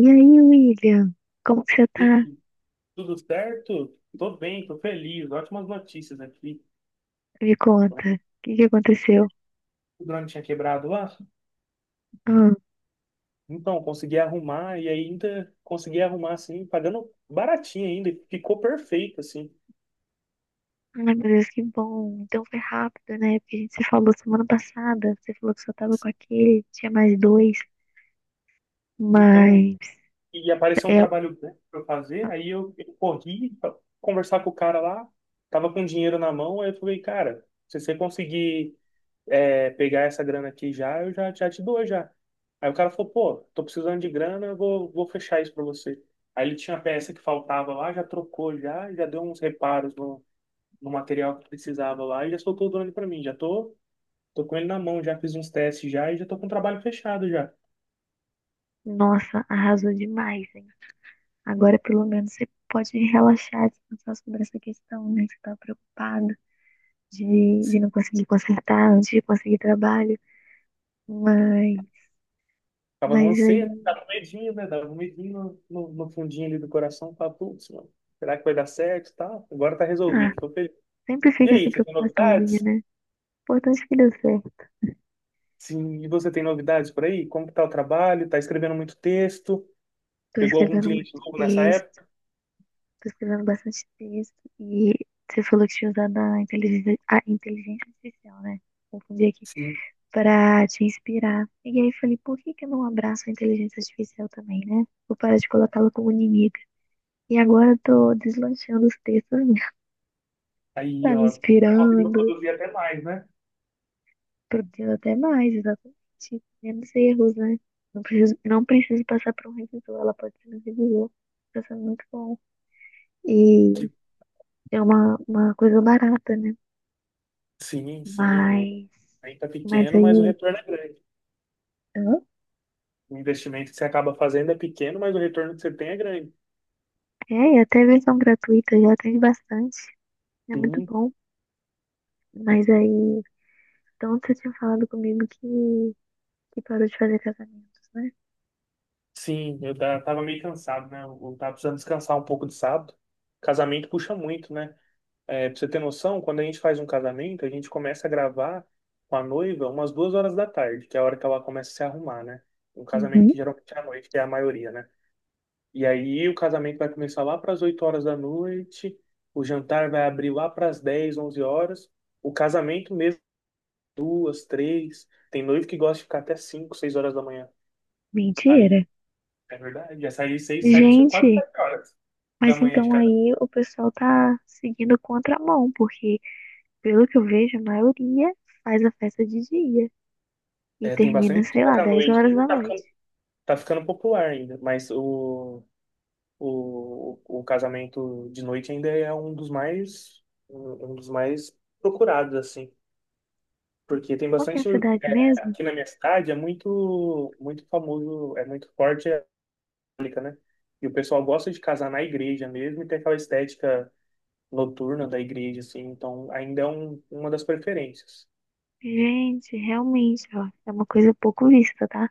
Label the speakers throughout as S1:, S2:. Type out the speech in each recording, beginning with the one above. S1: E aí, William? Como que você
S2: E
S1: tá?
S2: aí, tudo certo? Tô bem, tô feliz. Ótimas notícias aqui.
S1: Me conta. O que que aconteceu?
S2: O drone tinha quebrado lá.
S1: Ah,
S2: Então, consegui arrumar e ainda consegui arrumar assim, pagando baratinho ainda. E Ficou perfeito, assim.
S1: ai, meu Deus, que bom. Então foi rápido, né? Porque a gente se falou semana passada. Você falou que só tava com aquele, tinha mais dois.
S2: Então,
S1: Mas,
S2: e apareceu um
S1: é,
S2: trabalho né, pra eu fazer. Aí eu corri pra conversar com o cara lá. Tava com dinheiro na mão. Aí eu falei, cara, se você conseguir pegar essa grana aqui já, eu já, já te dou já. Aí o cara falou, pô, tô precisando de grana, eu vou fechar isso pra você. Aí ele tinha a peça que faltava lá, já trocou já, já deu uns reparos no material que precisava lá e já soltou o drone pra mim. Já tô com ele na mão, já fiz uns testes já e já tô com o trabalho fechado já.
S1: Nossa, arrasou demais, hein? Agora, pelo menos, você pode relaxar, descansar sobre essa questão, né? Que você tava preocupada de
S2: Sim.
S1: não conseguir consertar antes de conseguir trabalho. Mas,
S2: Tava no
S1: mas aí,
S2: anseio, né? Tava com medinho, né? Tava um medinho no fundinho ali do coração, tava, putz, mano, será que vai dar certo e tal? Agora tá
S1: ah,
S2: resolvido, tô feliz.
S1: sempre
S2: E
S1: fica essa
S2: aí, você tem
S1: preocupaçãozinha,
S2: novidades?
S1: né? Importante que deu certo.
S2: Sim, e você tem novidades por aí? Como que tá o trabalho? Tá escrevendo muito texto?
S1: Tô
S2: Pegou algum
S1: escrevendo muito
S2: cliente novo nessa
S1: texto,
S2: época?
S1: tô escrevendo bastante texto. E você falou que tinha usado a inteligência artificial, né? Confundi aqui.
S2: Sim.
S1: Pra te inspirar. E aí falei, por que que eu não abraço a inteligência artificial também, né? Vou parar de colocá-la como inimiga. E agora eu tô deslanchando os textos, mesmo.
S2: Aí,
S1: Tá me
S2: ó, tá conseguindo
S1: inspirando,
S2: produzir até mais, né?
S1: produzindo até mais, exatamente. Menos erros, né? Não preciso passar por um revisor, ela pode ser um revisor. Tá sendo muito bom. E
S2: Que-
S1: é uma coisa barata, né?
S2: sim, sim.
S1: Mas,
S2: Ainda tá
S1: mas
S2: pequeno, mas o
S1: aí,
S2: retorno é grande.
S1: Hã?
S2: O investimento que você acaba fazendo é pequeno, mas o retorno que você tem é grande.
S1: É, e até versão gratuita já tem bastante. É muito
S2: Sim,
S1: bom. Mas aí, então você tinha falado comigo que parou de fazer casamentos, né?
S2: sim. Tava meio cansado, né? Eu tava precisando descansar um pouco de sábado. Casamento puxa muito, né? É, pra você ter noção, quando a gente faz um casamento, a gente começa a gravar com a noiva umas duas horas da tarde, que é a hora que ela começa a se arrumar, né? Um casamento
S1: Uhum.
S2: que geralmente é à noite, que é a maioria, né? E aí o casamento vai começar lá para as 8 horas da noite, o jantar vai abrir lá para as 10, 11 horas, o casamento mesmo, duas, três. Tem noivo que gosta de ficar até 5, 6 horas da manhã. Aí,
S1: Mentira.
S2: é verdade, já aí 6, 7, 4,
S1: Gente,
S2: 7 horas da
S1: mas
S2: manhã de
S1: então
S2: casamento.
S1: aí o pessoal tá seguindo contramão, porque pelo que eu vejo, a maioria faz a festa de dia e
S2: É, tem
S1: termina,
S2: bastante
S1: sei lá,
S2: coisa à
S1: 10
S2: noite,
S1: horas
S2: e
S1: da
S2: tá
S1: noite.
S2: ficando tá ficando popular ainda, mas o casamento de noite ainda é um dos mais procurados assim, porque tem
S1: Qual que é a
S2: bastante
S1: cidade
S2: é,
S1: mesmo?
S2: aqui na minha cidade é muito muito famoso, é muito forte a católica, né? E o pessoal gosta de casar na igreja mesmo e tem aquela estética noturna da igreja assim, então ainda é uma das preferências.
S1: Gente, realmente, ó, é uma coisa pouco vista, tá?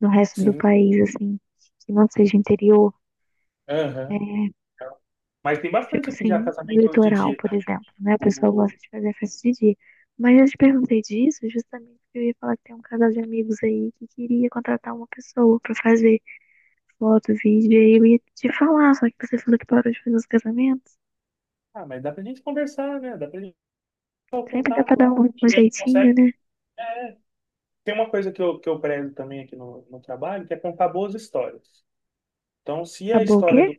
S1: No resto do
S2: Sim.
S1: país, assim, que não seja interior, é,
S2: Aham. Mas tem
S1: tipo
S2: bastante aqui já
S1: assim, no
S2: casamento de
S1: litoral,
S2: dia,
S1: por
S2: tá vendo?
S1: exemplo, né? A pessoa
S2: O-
S1: gosta de fazer a festa de dia. Mas eu te perguntei disso justamente porque eu ia falar que tem um casal de amigos aí que queria contratar uma pessoa pra fazer foto, vídeo, e aí eu ia te falar, só que você falou que parou de fazer os casamentos.
S2: Ah, mas dá pra gente conversar, né? Dá pra gente ter o
S1: Sempre dá pra
S2: contato
S1: dar
S2: lá.
S1: um
S2: E aí
S1: jeitinho,
S2: consegue.
S1: né?
S2: Tem uma coisa que eu prezo também aqui no trabalho, que é contar boas histórias. Então, se a
S1: Acabou o
S2: história
S1: quê?
S2: do...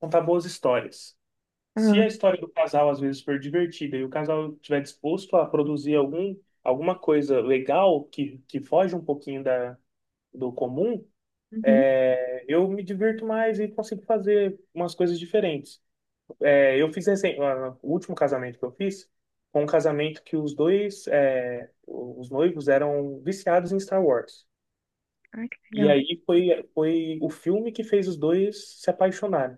S2: Contar boas histórias. Se
S1: Ah,
S2: a história do casal, às vezes, for divertida e o casal estiver disposto a produzir alguma coisa legal que foge um pouquinho do comum,
S1: uhum.
S2: eu me divirto mais e consigo fazer umas coisas diferentes. É, eu fiz recen- ah, o último casamento que eu fiz foi um casamento que os dois, é, os noivos eram viciados em Star Wars.
S1: Ai, que
S2: E
S1: legal.
S2: aí foi o filme que fez os dois se apaixonarem.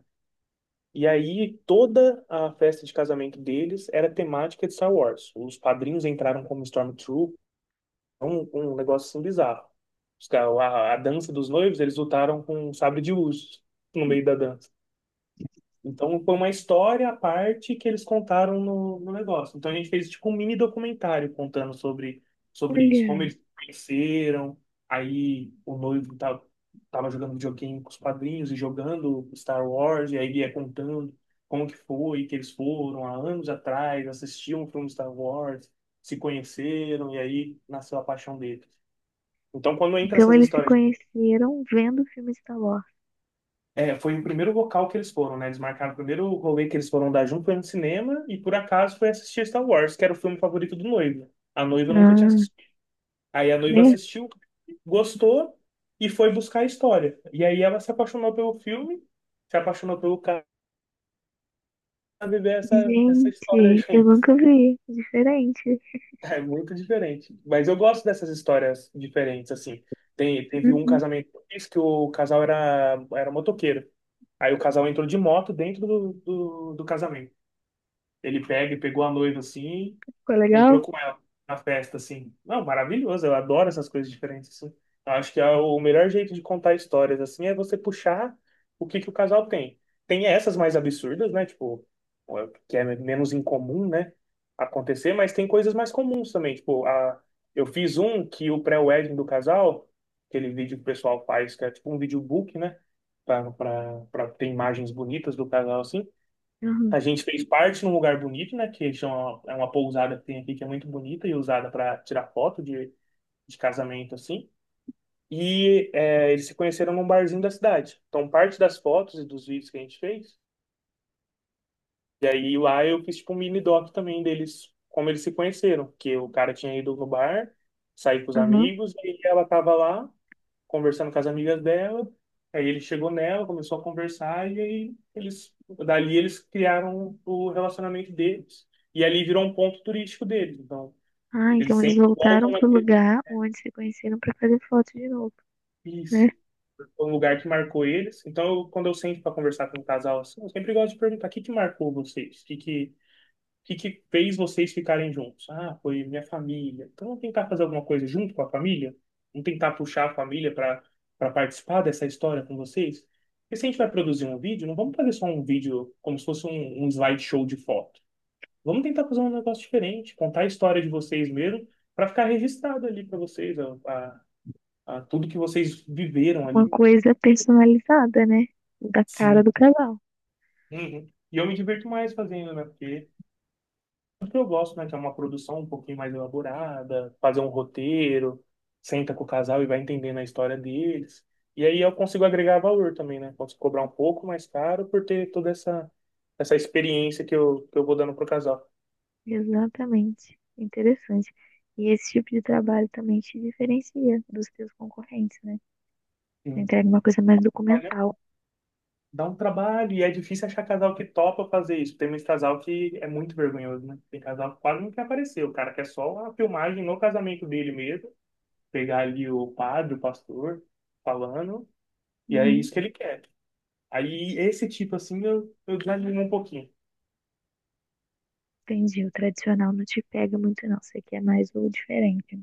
S2: E aí toda a festa de casamento deles era temática de Star Wars. Os padrinhos entraram como Stormtrooper, um negócio assim bizarro. A dança dos noivos, eles lutaram com um sabre de luz no meio da dança. Então foi uma história à parte que eles contaram no negócio. Então a gente fez tipo um mini documentário contando sobre isso, como
S1: Olha.
S2: eles conheceram, aí tava jogando videogame com os padrinhos e jogando Star Wars, e aí ia contando como que foi, que eles foram há anos atrás, assistiam o filme Star Wars, se conheceram, e aí nasceu a paixão deles. Então quando entra
S1: Então
S2: essas
S1: eles se
S2: histórias
S1: conheceram vendo o filme Star Wars.
S2: é, foi o primeiro local que eles foram, né? Eles marcaram o primeiro rolê que eles foram dar junto, foi no cinema, e por acaso foi assistir Star Wars, que era o filme favorito do noivo. A noiva nunca tinha
S1: Ah,
S2: assistido. Aí a noiva
S1: é?
S2: assistiu, gostou, e foi buscar a história. E aí ela se apaixonou pelo filme, se apaixonou pelo cara, pra viver essa história
S1: Gente, eu
S2: junto.
S1: nunca vi. Diferente.
S2: É muito diferente. Mas eu gosto dessas histórias diferentes, assim. Teve um
S1: Uhum.
S2: casamento que eu fiz que o casal era motoqueiro. Aí o casal entrou de moto dentro do casamento. Ele pega e pegou a noiva assim,
S1: Ficou
S2: entrou
S1: legal?
S2: com ela na festa assim. Não, maravilhoso, eu adoro essas coisas diferentes assim. Eu acho que é o melhor jeito de contar histórias assim é você puxar o que que o casal tem. Tem essas mais absurdas, né? Tipo, que é menos incomum, né? Acontecer, mas tem coisas mais comuns também. Eu fiz um que o pré-wedding do casal, aquele vídeo que o pessoal faz, que é tipo um videobook, né? Pra ter imagens bonitas do casal assim.
S1: Uhum,
S2: A gente fez parte num lugar bonito, né? Que chama, é uma pousada que tem aqui que é muito bonita e usada para tirar foto de casamento, assim. E é, eles se conheceram num barzinho da cidade. Então, parte das fotos e dos vídeos que a gente fez. E aí lá eu fiz tipo um mini doc também deles, como eles se conheceram. Que o cara tinha ido no bar, sair com os
S1: uhum.
S2: amigos, e ela tava lá conversando com as amigas dela. Aí ele chegou nela, começou a conversar e aí dali eles criaram o relacionamento deles. E ali virou um ponto turístico deles. Então,
S1: Ah,
S2: eles
S1: então eles
S2: sempre
S1: voltaram
S2: voltam
S1: pro
S2: naquele
S1: lugar onde se conheceram pra fazer foto de novo, né?
S2: isso, é um lugar que marcou eles. Então, quando eu sento para conversar com um casal assim, eu sempre gosto de perguntar o que que marcou vocês? O que que fez vocês ficarem juntos? Ah, foi minha família. Então, vamos tentar fazer alguma coisa junto com a família? Vamos tentar puxar a família para participar dessa história com vocês? Porque se a gente vai produzir um vídeo, não vamos fazer só um vídeo como se fosse um slideshow de foto. Vamos tentar fazer um negócio diferente, contar a história de vocês mesmo, para ficar registrado ali para vocês, a tudo que vocês viveram
S1: Uma
S2: ali.
S1: coisa personalizada, né? Da cara
S2: Sim.
S1: do casal.
S2: Uhum. E eu me diverto mais fazendo, né? Porque que eu gosto, né? Que é uma produção um pouquinho mais elaborada, fazer um roteiro, senta com o casal e vai entendendo a história deles. E aí eu consigo agregar valor também, né? Posso cobrar um pouco mais caro por ter toda essa experiência que eu vou dando pro casal.
S1: Exatamente. Interessante. E esse tipo de trabalho também te diferencia dos teus concorrentes, né? Você
S2: Sim.
S1: entrega uma coisa mais
S2: Olha,
S1: documental.
S2: dá um trabalho e é difícil achar casal que topa fazer isso. Tem muito casal que é muito vergonhoso, né? Tem casal que quase não quer aparecer. O cara quer só a filmagem no casamento dele mesmo, pegar ali o padre, o pastor falando, e é
S1: Uhum.
S2: isso que ele quer. Aí esse tipo, assim, eu desanimo um pouquinho.
S1: Entendi. O tradicional não te pega muito, não. Você quer mais o diferente.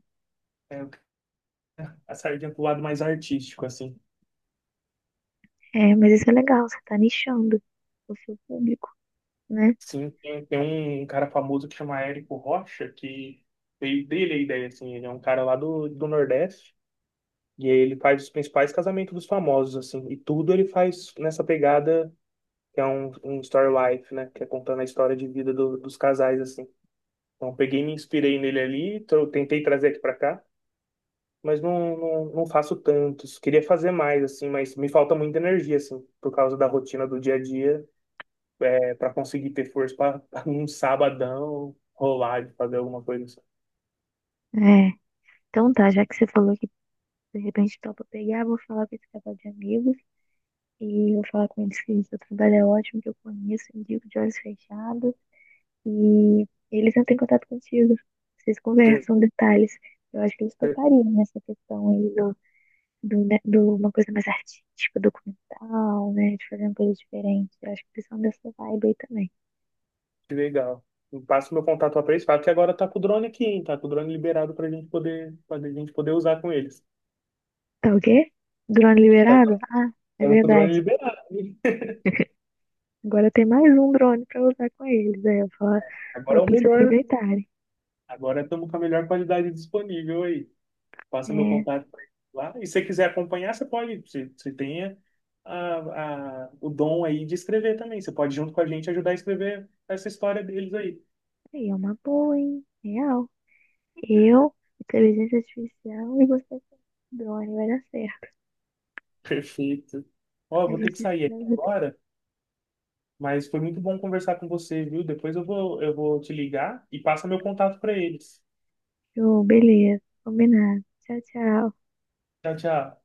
S2: É, a sardinha pro lado mais artístico, assim.
S1: É, mas isso é legal, você tá nichando o seu público, né?
S2: Sim, tem um cara famoso que chama Érico Rocha, que veio dele a ideia, assim. Ele é um cara lá do Nordeste, e aí ele faz os principais casamentos dos famosos, assim. E tudo ele faz nessa pegada, que é um story life, né? Que é contando a história de vida dos casais, assim. Então, peguei e me inspirei nele ali, então eu tentei trazer aqui pra cá. Mas não faço tantos. Queria fazer mais, assim, mas me falta muita energia, assim, por causa da rotina do dia a dia, é, para conseguir ter força para um sabadão rolar de fazer alguma coisa assim.
S1: É. Então tá, já que você falou que de repente topa pegar, vou falar com esse casal de amigos e vou falar com eles que seu trabalho é ótimo, que eu conheço, indico de olhos fechados. E eles entram em contato contigo. Vocês
S2: Per-
S1: conversam detalhes. Eu acho que eles
S2: per-
S1: topariam nessa questão aí do, né, do uma coisa mais artística, documental, né? De fazer uma coisa diferente. Eu acho que eles são dessa vibe aí também.
S2: Que legal. Eu passo meu contato para eles, falo que agora tá com o drone aqui, hein? Tá com o drone liberado pra gente poder usar com eles.
S1: Tá o quê? Drone
S2: Tá,
S1: liberado?
S2: tá-
S1: Ah, é
S2: tamo com o drone
S1: verdade.
S2: liberado, hein?
S1: Agora tem mais um drone pra usar com eles. Aí eu falo,
S2: Agora é
S1: falo
S2: o
S1: pra eles
S2: melhor.
S1: aproveitarem.
S2: Agora estamos com a melhor qualidade disponível aí. Passa meu
S1: É,
S2: contato pra ele lá. E se você quiser acompanhar, você pode, você tem o dom aí de escrever também. Você pode, junto com a gente, ajudar a escrever essa história deles aí.
S1: aí é uma boa, hein? Real. Eu, inteligência artificial e você com drone, vai dar certo.
S2: Perfeito. Ó, eu
S1: A
S2: vou ter que
S1: gente
S2: sair
S1: se
S2: aqui
S1: dá-
S2: agora, mas foi muito bom conversar com você, viu? Depois eu vou te ligar e passa meu contato para eles.
S1: Show, beleza. Combinado. Tchau, tchau.
S2: Tchau, tchau.